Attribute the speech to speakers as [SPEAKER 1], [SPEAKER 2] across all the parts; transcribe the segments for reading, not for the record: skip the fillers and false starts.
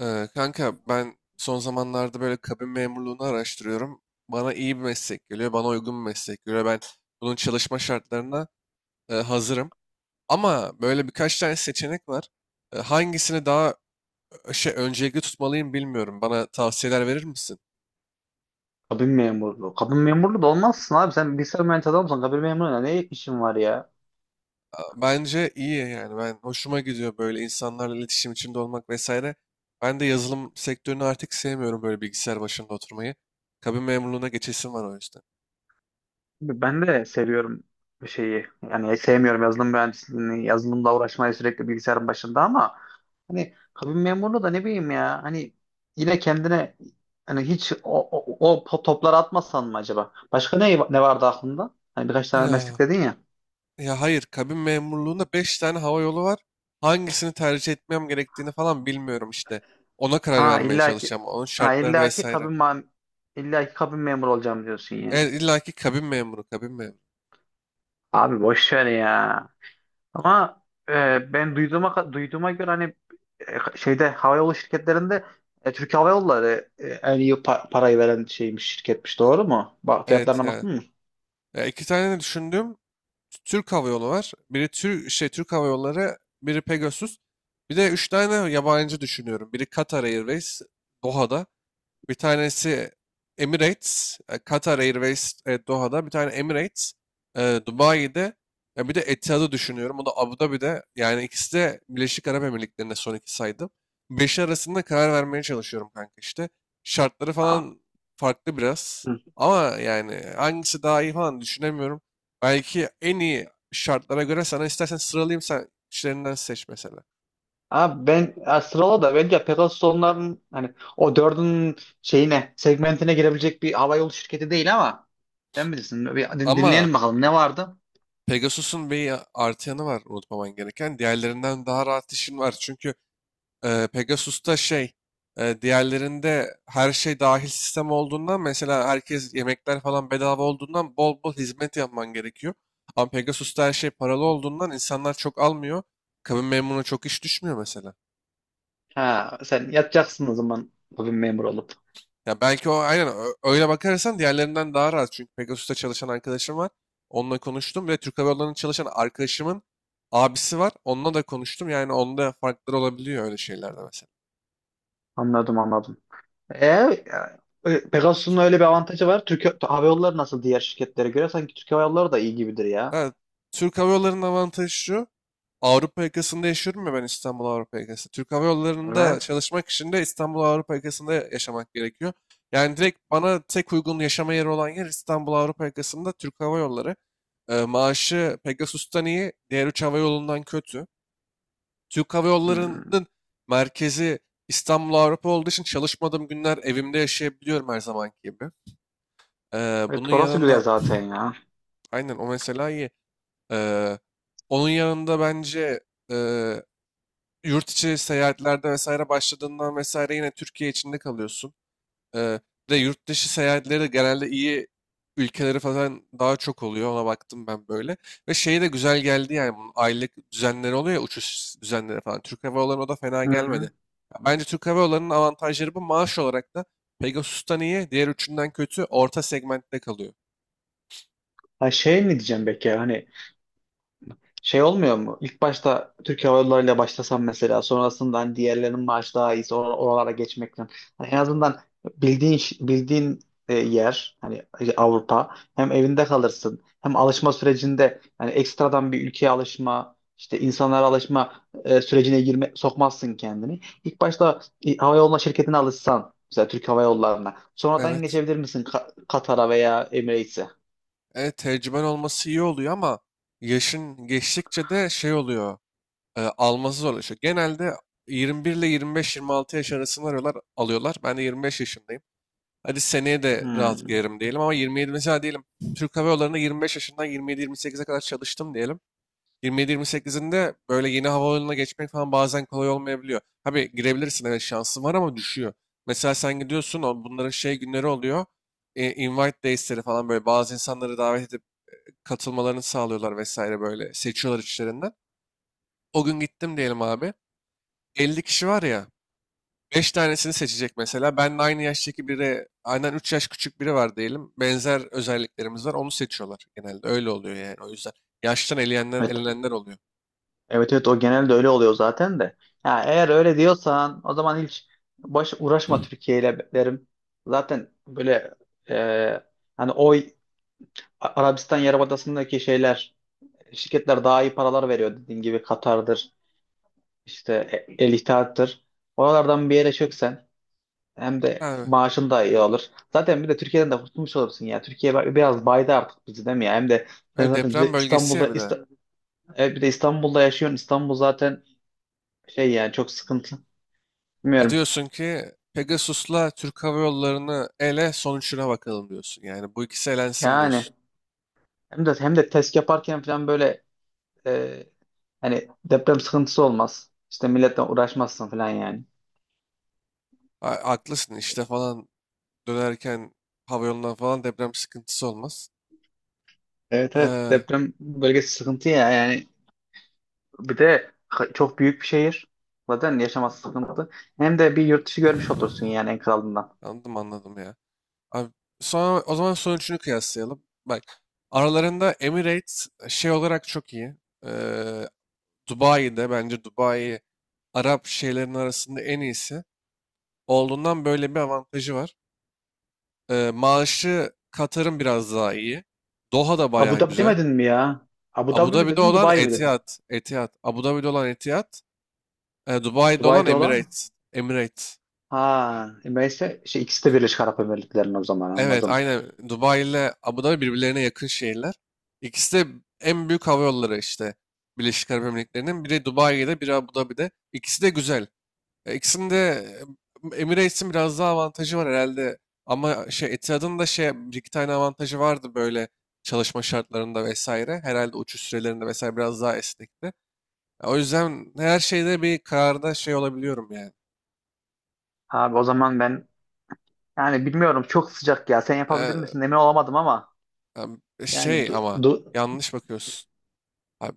[SPEAKER 1] Kanka ben son zamanlarda böyle kabin memurluğunu araştırıyorum. Bana iyi bir meslek geliyor, bana uygun bir meslek geliyor. Ben bunun çalışma şartlarına hazırım. Ama böyle birkaç tane seçenek var. Hangisini daha öncelikli tutmalıyım bilmiyorum. Bana tavsiyeler verir misin?
[SPEAKER 2] Kabin memurluğu. Kabin memurluğu da olmazsın abi. Sen bilgisayar mühendisi adamsın. Kabin memurluğuna ne işin var ya?
[SPEAKER 1] Bence iyi yani. Ben hoşuma gidiyor böyle insanlarla iletişim içinde olmak vesaire. Ben de yazılım sektörünü artık sevmiyorum böyle bilgisayar başında oturmayı. Kabin memurluğuna geçesim var o yüzden.
[SPEAKER 2] Ben de seviyorum bir şeyi. Yani sevmiyorum yazılım mühendisliğini, yazılımla uğraşmayı sürekli bilgisayarın başında, ama hani kabin memurluğu da ne bileyim ya. Hani yine kendine hani hiç topları atmasan mı acaba? Başka ne vardı aklında? Hani birkaç tane meslek
[SPEAKER 1] Ya.
[SPEAKER 2] dedin ya.
[SPEAKER 1] Ya hayır, kabin memurluğunda 5 tane hava yolu var. Hangisini tercih etmem gerektiğini falan bilmiyorum işte. Ona karar
[SPEAKER 2] Ha
[SPEAKER 1] vermeye
[SPEAKER 2] illaki
[SPEAKER 1] çalışacağım. Onun
[SPEAKER 2] ha
[SPEAKER 1] şartlarını
[SPEAKER 2] illaki
[SPEAKER 1] vesaire.
[SPEAKER 2] kabin ma- illaki kabin memuru olacağım diyorsun yani.
[SPEAKER 1] Evet, illa ki kabin memuru, kabin memuru.
[SPEAKER 2] Abi boş ver ya. Ama ben duyduğuma göre hani şeyde havayolu şirketlerinde, Türk Hava Yolları en iyi parayı veren şeymiş, şirketmiş, doğru mu? Bak
[SPEAKER 1] Evet
[SPEAKER 2] fiyatlarına
[SPEAKER 1] yani.
[SPEAKER 2] baktın mı?
[SPEAKER 1] Ya iki tane de düşündüğüm Türk Hava Yolu var. Biri Türk Hava Yolları, biri Pegasus. Bir de üç tane yabancı düşünüyorum. Biri Qatar Airways, Doha'da. Bir tanesi Emirates, Qatar Airways Doha'da. Bir tane Emirates, e, Dubai'de. Ya bir de Etihad'ı düşünüyorum. O da Abu Dhabi'de. Yani ikisi de Birleşik Arap Emirlikleri'nde son iki saydım. Beşi arasında karar vermeye çalışıyorum kanka işte. Şartları
[SPEAKER 2] Abi,
[SPEAKER 1] falan farklı biraz.
[SPEAKER 2] hı.
[SPEAKER 1] Ama yani hangisi daha iyi falan düşünemiyorum. Belki en iyi şartlara göre sana istersen sıralayayım sen işlerinden seç mesela.
[SPEAKER 2] Abi ben ya sırala da bence Pegasus onların hani o dördün şeyine, segmentine girebilecek bir havayolu şirketi değil ama sen bilirsin.
[SPEAKER 1] Ama
[SPEAKER 2] Dinleyelim bakalım, ne vardı?
[SPEAKER 1] Pegasus'un bir artı yanı var unutmaman gereken. Diğerlerinden daha rahat işin var. Çünkü Pegasus'ta, diğerlerinde her şey dahil sistem olduğundan mesela herkes yemekler falan bedava olduğundan bol bol hizmet yapman gerekiyor. Ama Pegasus'ta her şey paralı olduğundan insanlar çok almıyor. Kabin memuruna çok iş düşmüyor mesela.
[SPEAKER 2] Ha, sen yatacaksın o zaman bugün memur olup.
[SPEAKER 1] Ya belki o aynen öyle bakarsan diğerlerinden daha rahat. Çünkü Pegasus'ta çalışan arkadaşım var. Onunla konuştum ve Türk Hava Yolları'nda çalışan arkadaşımın abisi var. Onunla da konuştum. Yani onda farklar olabiliyor öyle şeylerde mesela.
[SPEAKER 2] Anladım, anladım. E, Pegasus'un öyle bir avantajı var. Türk Hava Yolları nasıl diğer şirketlere göre? Sanki Türk Hava Yolları da iyi gibidir ya.
[SPEAKER 1] Ha, Türk Hava Yolları'nın avantajı şu. Avrupa yakasında yaşıyorum ya ben, İstanbul Avrupa yakası. Türk Hava Yolları'nda
[SPEAKER 2] Evet.
[SPEAKER 1] çalışmak için de İstanbul Avrupa yakasında yaşamak gerekiyor. Yani direkt bana tek uygun yaşama yeri olan yer İstanbul Avrupa yakasında Türk Hava Yolları. Maaşı Pegasus'tan iyi, diğer üç hava yolundan kötü. Türk Hava
[SPEAKER 2] Hmm.
[SPEAKER 1] Yolları'nın merkezi İstanbul Avrupa olduğu için çalışmadığım günler evimde yaşayabiliyorum her zamanki gibi. Bunun
[SPEAKER 2] Evet, orası güzel
[SPEAKER 1] yanında
[SPEAKER 2] zaten ya.
[SPEAKER 1] aynen o mesela iyi. Eee, Onun yanında bence, eee, yurt içi seyahatlerde vesaire başladığından vesaire yine Türkiye içinde kalıyorsun. Eee ve yurt dışı seyahatleri de genelde iyi ülkeleri falan daha çok oluyor. Ona baktım ben böyle. Ve şey de güzel geldi yani, bunun aylık düzenleri oluyor ya, uçuş düzenleri falan. Türk Hava Yolları'na da fena
[SPEAKER 2] Hı
[SPEAKER 1] gelmedi.
[SPEAKER 2] hı.
[SPEAKER 1] Ya bence Türk Hava Yolları'nın avantajları bu. Maaş olarak da Pegasus'tan iyi, diğer üçünden kötü, orta segmentte kalıyor.
[SPEAKER 2] Ha, şey mi diyeceğim peki hani. Şey olmuyor mu? İlk başta Türk Hava Yolları'yla başlasam, mesela sonrasında hani diğerlerinin maaşı daha iyiyse oralara geçmekten. Hani en azından bildiğin yer, hani Avrupa, hem evinde kalırsın hem alışma sürecinde, yani ekstradan bir ülkeye alışma, işte insanlara alışma sürecine girme, sokmazsın kendini. İlk başta hava yoluna, şirketine alışsan mesela Türk Hava Yolları'na, sonradan
[SPEAKER 1] Evet.
[SPEAKER 2] geçebilir misin Katar'a veya Emirates'e?
[SPEAKER 1] Evet, tecrüben olması iyi oluyor ama yaşın geçtikçe de şey oluyor. Alması zorlaşıyor. Genelde 21 ile 25-26 yaş arasını arıyorlar, alıyorlar. Ben de 25 yaşındayım. Hadi seneye de rahat
[SPEAKER 2] Hmm.
[SPEAKER 1] girerim diyelim ama 27 mesela diyelim. Türk Hava Yolları'nda 25 yaşından 27-28'e kadar çalıştım diyelim. 27-28'inde böyle yeni havayoluna geçmek falan bazen kolay olmayabiliyor. Tabii girebilirsin, evet şansın var ama düşüyor. Mesela sen gidiyorsun, bunların günleri oluyor. Invite days'leri falan, böyle bazı insanları davet katılmalarını sağlıyorlar vesaire böyle. Seçiyorlar içlerinden. O gün gittim diyelim abi. 50 kişi var ya. 5 tanesini seçecek mesela. Ben de aynı yaştaki biri, aynen 3 yaş küçük biri var diyelim. Benzer özelliklerimiz var. Onu seçiyorlar genelde. Öyle oluyor yani. O yüzden yaştan eleyenler,
[SPEAKER 2] Evet.
[SPEAKER 1] elenenler oluyor.
[SPEAKER 2] Evet, evet, o genelde öyle oluyor zaten de. Ya eğer öyle diyorsan, o zaman hiç baş uğraşma Türkiye ile derim. Zaten böyle e, hani oy Arabistan Yarımadası'ndaki şeyler, şirketler daha iyi paralar veriyor, dediğin gibi Katar'dır, işte El İttihat'tır. Oralardan bir yere çöksen hem de
[SPEAKER 1] Ha,
[SPEAKER 2] maaşın da iyi olur. Zaten bir de Türkiye'den de kurtulmuş olursun ya. Türkiye biraz baydı artık bizi, değil mi ya? Hem de sen
[SPEAKER 1] ev
[SPEAKER 2] zaten bir
[SPEAKER 1] deprem
[SPEAKER 2] de
[SPEAKER 1] bölgesi ya bir de.
[SPEAKER 2] İstanbul'da yaşıyorsun. İstanbul zaten şey, yani çok sıkıntı.
[SPEAKER 1] E
[SPEAKER 2] Bilmiyorum.
[SPEAKER 1] diyorsun ki Pegasus'la Türk Hava Yolları'nı ele, sonuçuna bakalım diyorsun. Yani bu ikisi elensin
[SPEAKER 2] Yani
[SPEAKER 1] diyorsun.
[SPEAKER 2] hem de test yaparken falan böyle, e, hani deprem sıkıntısı olmaz. İşte milletle uğraşmazsın falan yani.
[SPEAKER 1] Ha, haklısın işte falan, dönerken havayolundan falan deprem sıkıntısı olmaz.
[SPEAKER 2] Evet, evet,
[SPEAKER 1] Ee,
[SPEAKER 2] deprem bölgesi sıkıntı ya yani. Bir de çok büyük bir şehir. Zaten yaşaması sıkıntı. Hem de bir yurt dışı görmüş olursun yani, en kralından.
[SPEAKER 1] Anladım, anladım ya. Abi, sonra, o zaman son üçünü kıyaslayalım. Bak, aralarında Emirates şey olarak çok iyi. Ee, Dubai'de, bence Dubai Arap şeylerin arasında en iyisi olduğundan böyle bir avantajı var. Maaşı Katar'ın biraz daha iyi. Doha da bayağı
[SPEAKER 2] Abu Dhabi
[SPEAKER 1] güzel.
[SPEAKER 2] demedin mi ya? Abu
[SPEAKER 1] Abu
[SPEAKER 2] Dhabi mi
[SPEAKER 1] Dhabi'de
[SPEAKER 2] dedin,
[SPEAKER 1] olan
[SPEAKER 2] Dubai mi dedin?
[SPEAKER 1] Etihad. Etihad. Abu Dhabi'de olan Etihad. Dubai'de olan
[SPEAKER 2] Dubai'de olan mı?
[SPEAKER 1] Emirates. Emirates.
[SPEAKER 2] Ha, neyse şey, ikisi de Birleşik Arap Emirlikleri'nin, o zaman
[SPEAKER 1] Evet,
[SPEAKER 2] anladım.
[SPEAKER 1] aynen. Dubai ile Abu Dhabi birbirlerine yakın şehirler. İkisi de en büyük hava yolları işte Birleşik Arap Emirlikleri'nin. Biri Dubai'de, biri Abu Dhabi'de. İkisi de güzel. İkisinin de Emirates'in biraz daha avantajı var herhalde. Ama Etihad'ın da bir iki tane avantajı vardı böyle, çalışma şartlarında vesaire. Herhalde uçuş sürelerinde vesaire biraz daha esnekti. O yüzden her şeyde bir kararda şey olabiliyorum yani.
[SPEAKER 2] Abi o zaman ben, yani bilmiyorum, çok sıcak ya. Sen yapabilir
[SPEAKER 1] E,
[SPEAKER 2] misin? Emin olamadım ama. Yani du,
[SPEAKER 1] ama
[SPEAKER 2] du
[SPEAKER 1] yanlış bakıyorsun. Abi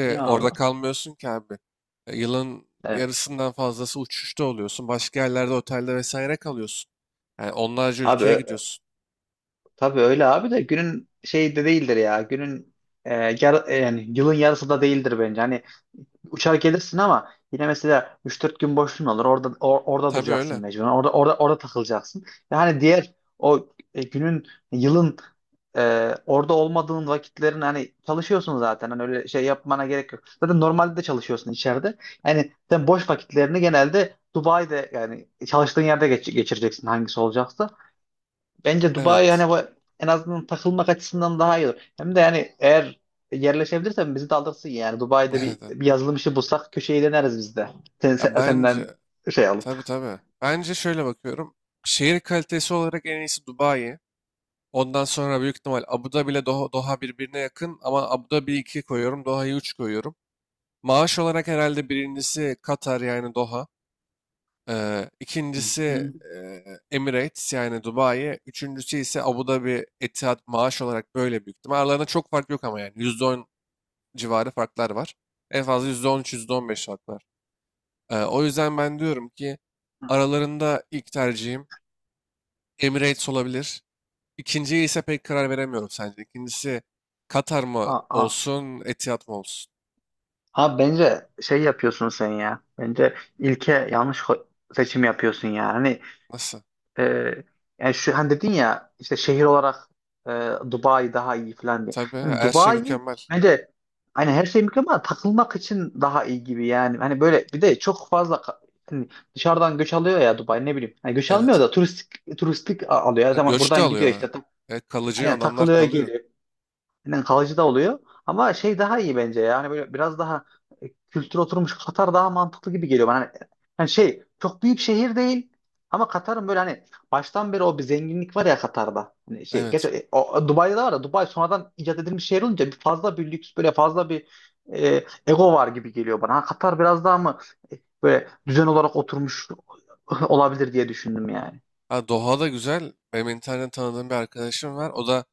[SPEAKER 2] niye abi?
[SPEAKER 1] orada kalmıyorsun ki abi. Yılın
[SPEAKER 2] Evet.
[SPEAKER 1] yarısından fazlası uçuşta oluyorsun. Başka yerlerde otelde vesaire kalıyorsun. Yani onlarca
[SPEAKER 2] Abi
[SPEAKER 1] ülkeye
[SPEAKER 2] ö-
[SPEAKER 1] gidiyorsun.
[SPEAKER 2] tabii öyle abi, de günün şeyi de değildir ya. Günün e, yar- e, Yani yılın yarısı da değildir bence. Hani uçar gelirsin ama yine mesela 3-4 gün boşluğun olur. Orada
[SPEAKER 1] Tabii
[SPEAKER 2] duracaksın
[SPEAKER 1] öyle.
[SPEAKER 2] mecburen. Orada takılacaksın. Yani diğer o e, günün, yılın orada olmadığın vakitlerin, hani çalışıyorsun zaten. Hani öyle şey yapmana gerek yok. Zaten normalde de çalışıyorsun içeride. Yani sen boş vakitlerini genelde Dubai'de, yani çalıştığın yerde geçireceksin, hangisi olacaksa. Bence Dubai,
[SPEAKER 1] Evet.
[SPEAKER 2] hani en azından takılmak açısından daha iyi olur. Hem de yani eğer yerleşebilirsen bizi de alırsın yani. Yani Dubai'de
[SPEAKER 1] Evet. Evet.
[SPEAKER 2] bir yazılım işi bulsak, köşeyi döneriz biz de.
[SPEAKER 1] Ya
[SPEAKER 2] Senden
[SPEAKER 1] bence,
[SPEAKER 2] şey
[SPEAKER 1] tabii
[SPEAKER 2] alıp.
[SPEAKER 1] tabii. Bence şöyle bakıyorum. Şehir kalitesi olarak en iyisi Dubai. Ondan sonra büyük ihtimal Abu Dhabi ile Doha, Doha birbirine yakın ama Abu Dhabi 2 koyuyorum, Doha'yı 3 koyuyorum. Maaş olarak herhalde birincisi Katar, yani Doha.
[SPEAKER 2] Hı
[SPEAKER 1] İkincisi
[SPEAKER 2] hı.
[SPEAKER 1] Emirates, yani Dubai. Üçüncüsü ise Abu Dhabi, Etihad, maaş olarak böyle büyük ihtimal. Aralarında çok fark yok ama yani %10 civarı farklar var. En fazla %10, %15 fark var. O yüzden ben diyorum ki aralarında ilk tercihim Emirates olabilir. İkinciye ise pek karar veremiyorum sence. İkincisi Katar mı
[SPEAKER 2] Aa,
[SPEAKER 1] olsun, Etihad mı olsun?
[SPEAKER 2] abi bence şey yapıyorsun sen ya. Bence yanlış seçim yapıyorsun ya. Hani
[SPEAKER 1] Nasıl?
[SPEAKER 2] e, yani şu hani dedin ya, işte şehir olarak e, Dubai daha iyi falan diye.
[SPEAKER 1] Tabii
[SPEAKER 2] Yani
[SPEAKER 1] her şey
[SPEAKER 2] Dubai
[SPEAKER 1] mükemmel.
[SPEAKER 2] bence, hani her şey mükemmel ama takılmak için daha iyi gibi yani. Hani böyle bir de çok fazla hani dışarıdan göç alıyor ya Dubai, ne bileyim. Hani göç almıyor
[SPEAKER 1] Evet.
[SPEAKER 2] da turistik, turistik alıyor. Tamam,
[SPEAKER 1] Göç de
[SPEAKER 2] buradan gidiyor
[SPEAKER 1] alıyor.
[SPEAKER 2] işte. Ta-
[SPEAKER 1] Evet, kalıcı
[SPEAKER 2] aynen,
[SPEAKER 1] adamlar
[SPEAKER 2] takılıyor
[SPEAKER 1] kalıyor.
[SPEAKER 2] geliyor. Yani kalıcı da oluyor. Ama şey daha iyi bence ya. Hani böyle biraz daha kültür oturmuş Katar daha mantıklı gibi geliyor bana. Hani, hani şey çok büyük şehir değil ama Katar'ın böyle, hani baştan beri o bir zenginlik var ya Katar'da. Hani şey geç
[SPEAKER 1] Evet.
[SPEAKER 2] e, o, o Dubai'de de var da, Dubai sonradan icat edilmiş şehir olunca bir fazla bir lüks, böyle fazla bir ego var gibi geliyor bana. Ha, Katar biraz daha mı e, böyle düzen olarak oturmuş olabilir diye düşündüm yani.
[SPEAKER 1] Ha, Doha'da güzel. Benim internetten tanıdığım bir arkadaşım var. O da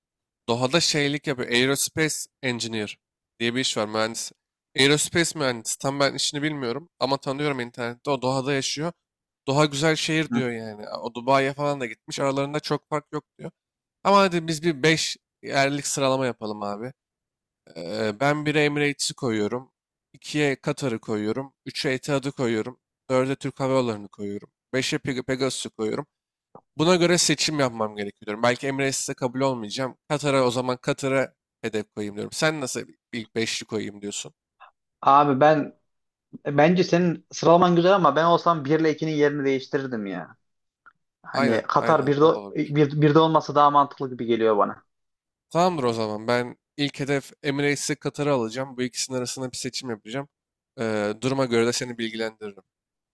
[SPEAKER 1] Doha'da şeylik yapıyor. Aerospace Engineer diye bir iş var. Mühendis. Aerospace mühendisi. Tam ben işini bilmiyorum. Ama tanıyorum internette. O Doha'da yaşıyor. Doha güzel şehir
[SPEAKER 2] Hı.
[SPEAKER 1] diyor yani. O Dubai'ye falan da gitmiş. Aralarında çok fark yok diyor. Ama hadi biz bir 5 yerlik sıralama yapalım abi. Ben 1'e Emirates'i koyuyorum. İkiye Katar'ı koyuyorum. 3'e Etihad'ı koyuyorum. Dörde Türk Hava Yolları'nı koyuyorum. Beşe Pegasus'u koyuyorum. Buna göre seçim yapmam gerekiyor diyorum. Belki Emirates'e kabul olmayacağım. Katar'a, o zaman Katar'a hedef koyayım diyorum. Sen nasıl ilk beşli koyayım diyorsun?
[SPEAKER 2] Abi ben Bence senin sıralaman güzel ama ben olsam 1 ile 2'nin yerini değiştirirdim ya. Hani
[SPEAKER 1] Aynen,
[SPEAKER 2] Katar
[SPEAKER 1] aynen.
[SPEAKER 2] birde
[SPEAKER 1] O da olabilir.
[SPEAKER 2] bir, 1'de olması daha mantıklı gibi geliyor bana.
[SPEAKER 1] Tamamdır o zaman. Ben ilk hedef Emirates'e Katar'ı alacağım. Bu ikisinin arasında bir seçim yapacağım. Duruma göre de seni bilgilendiririm.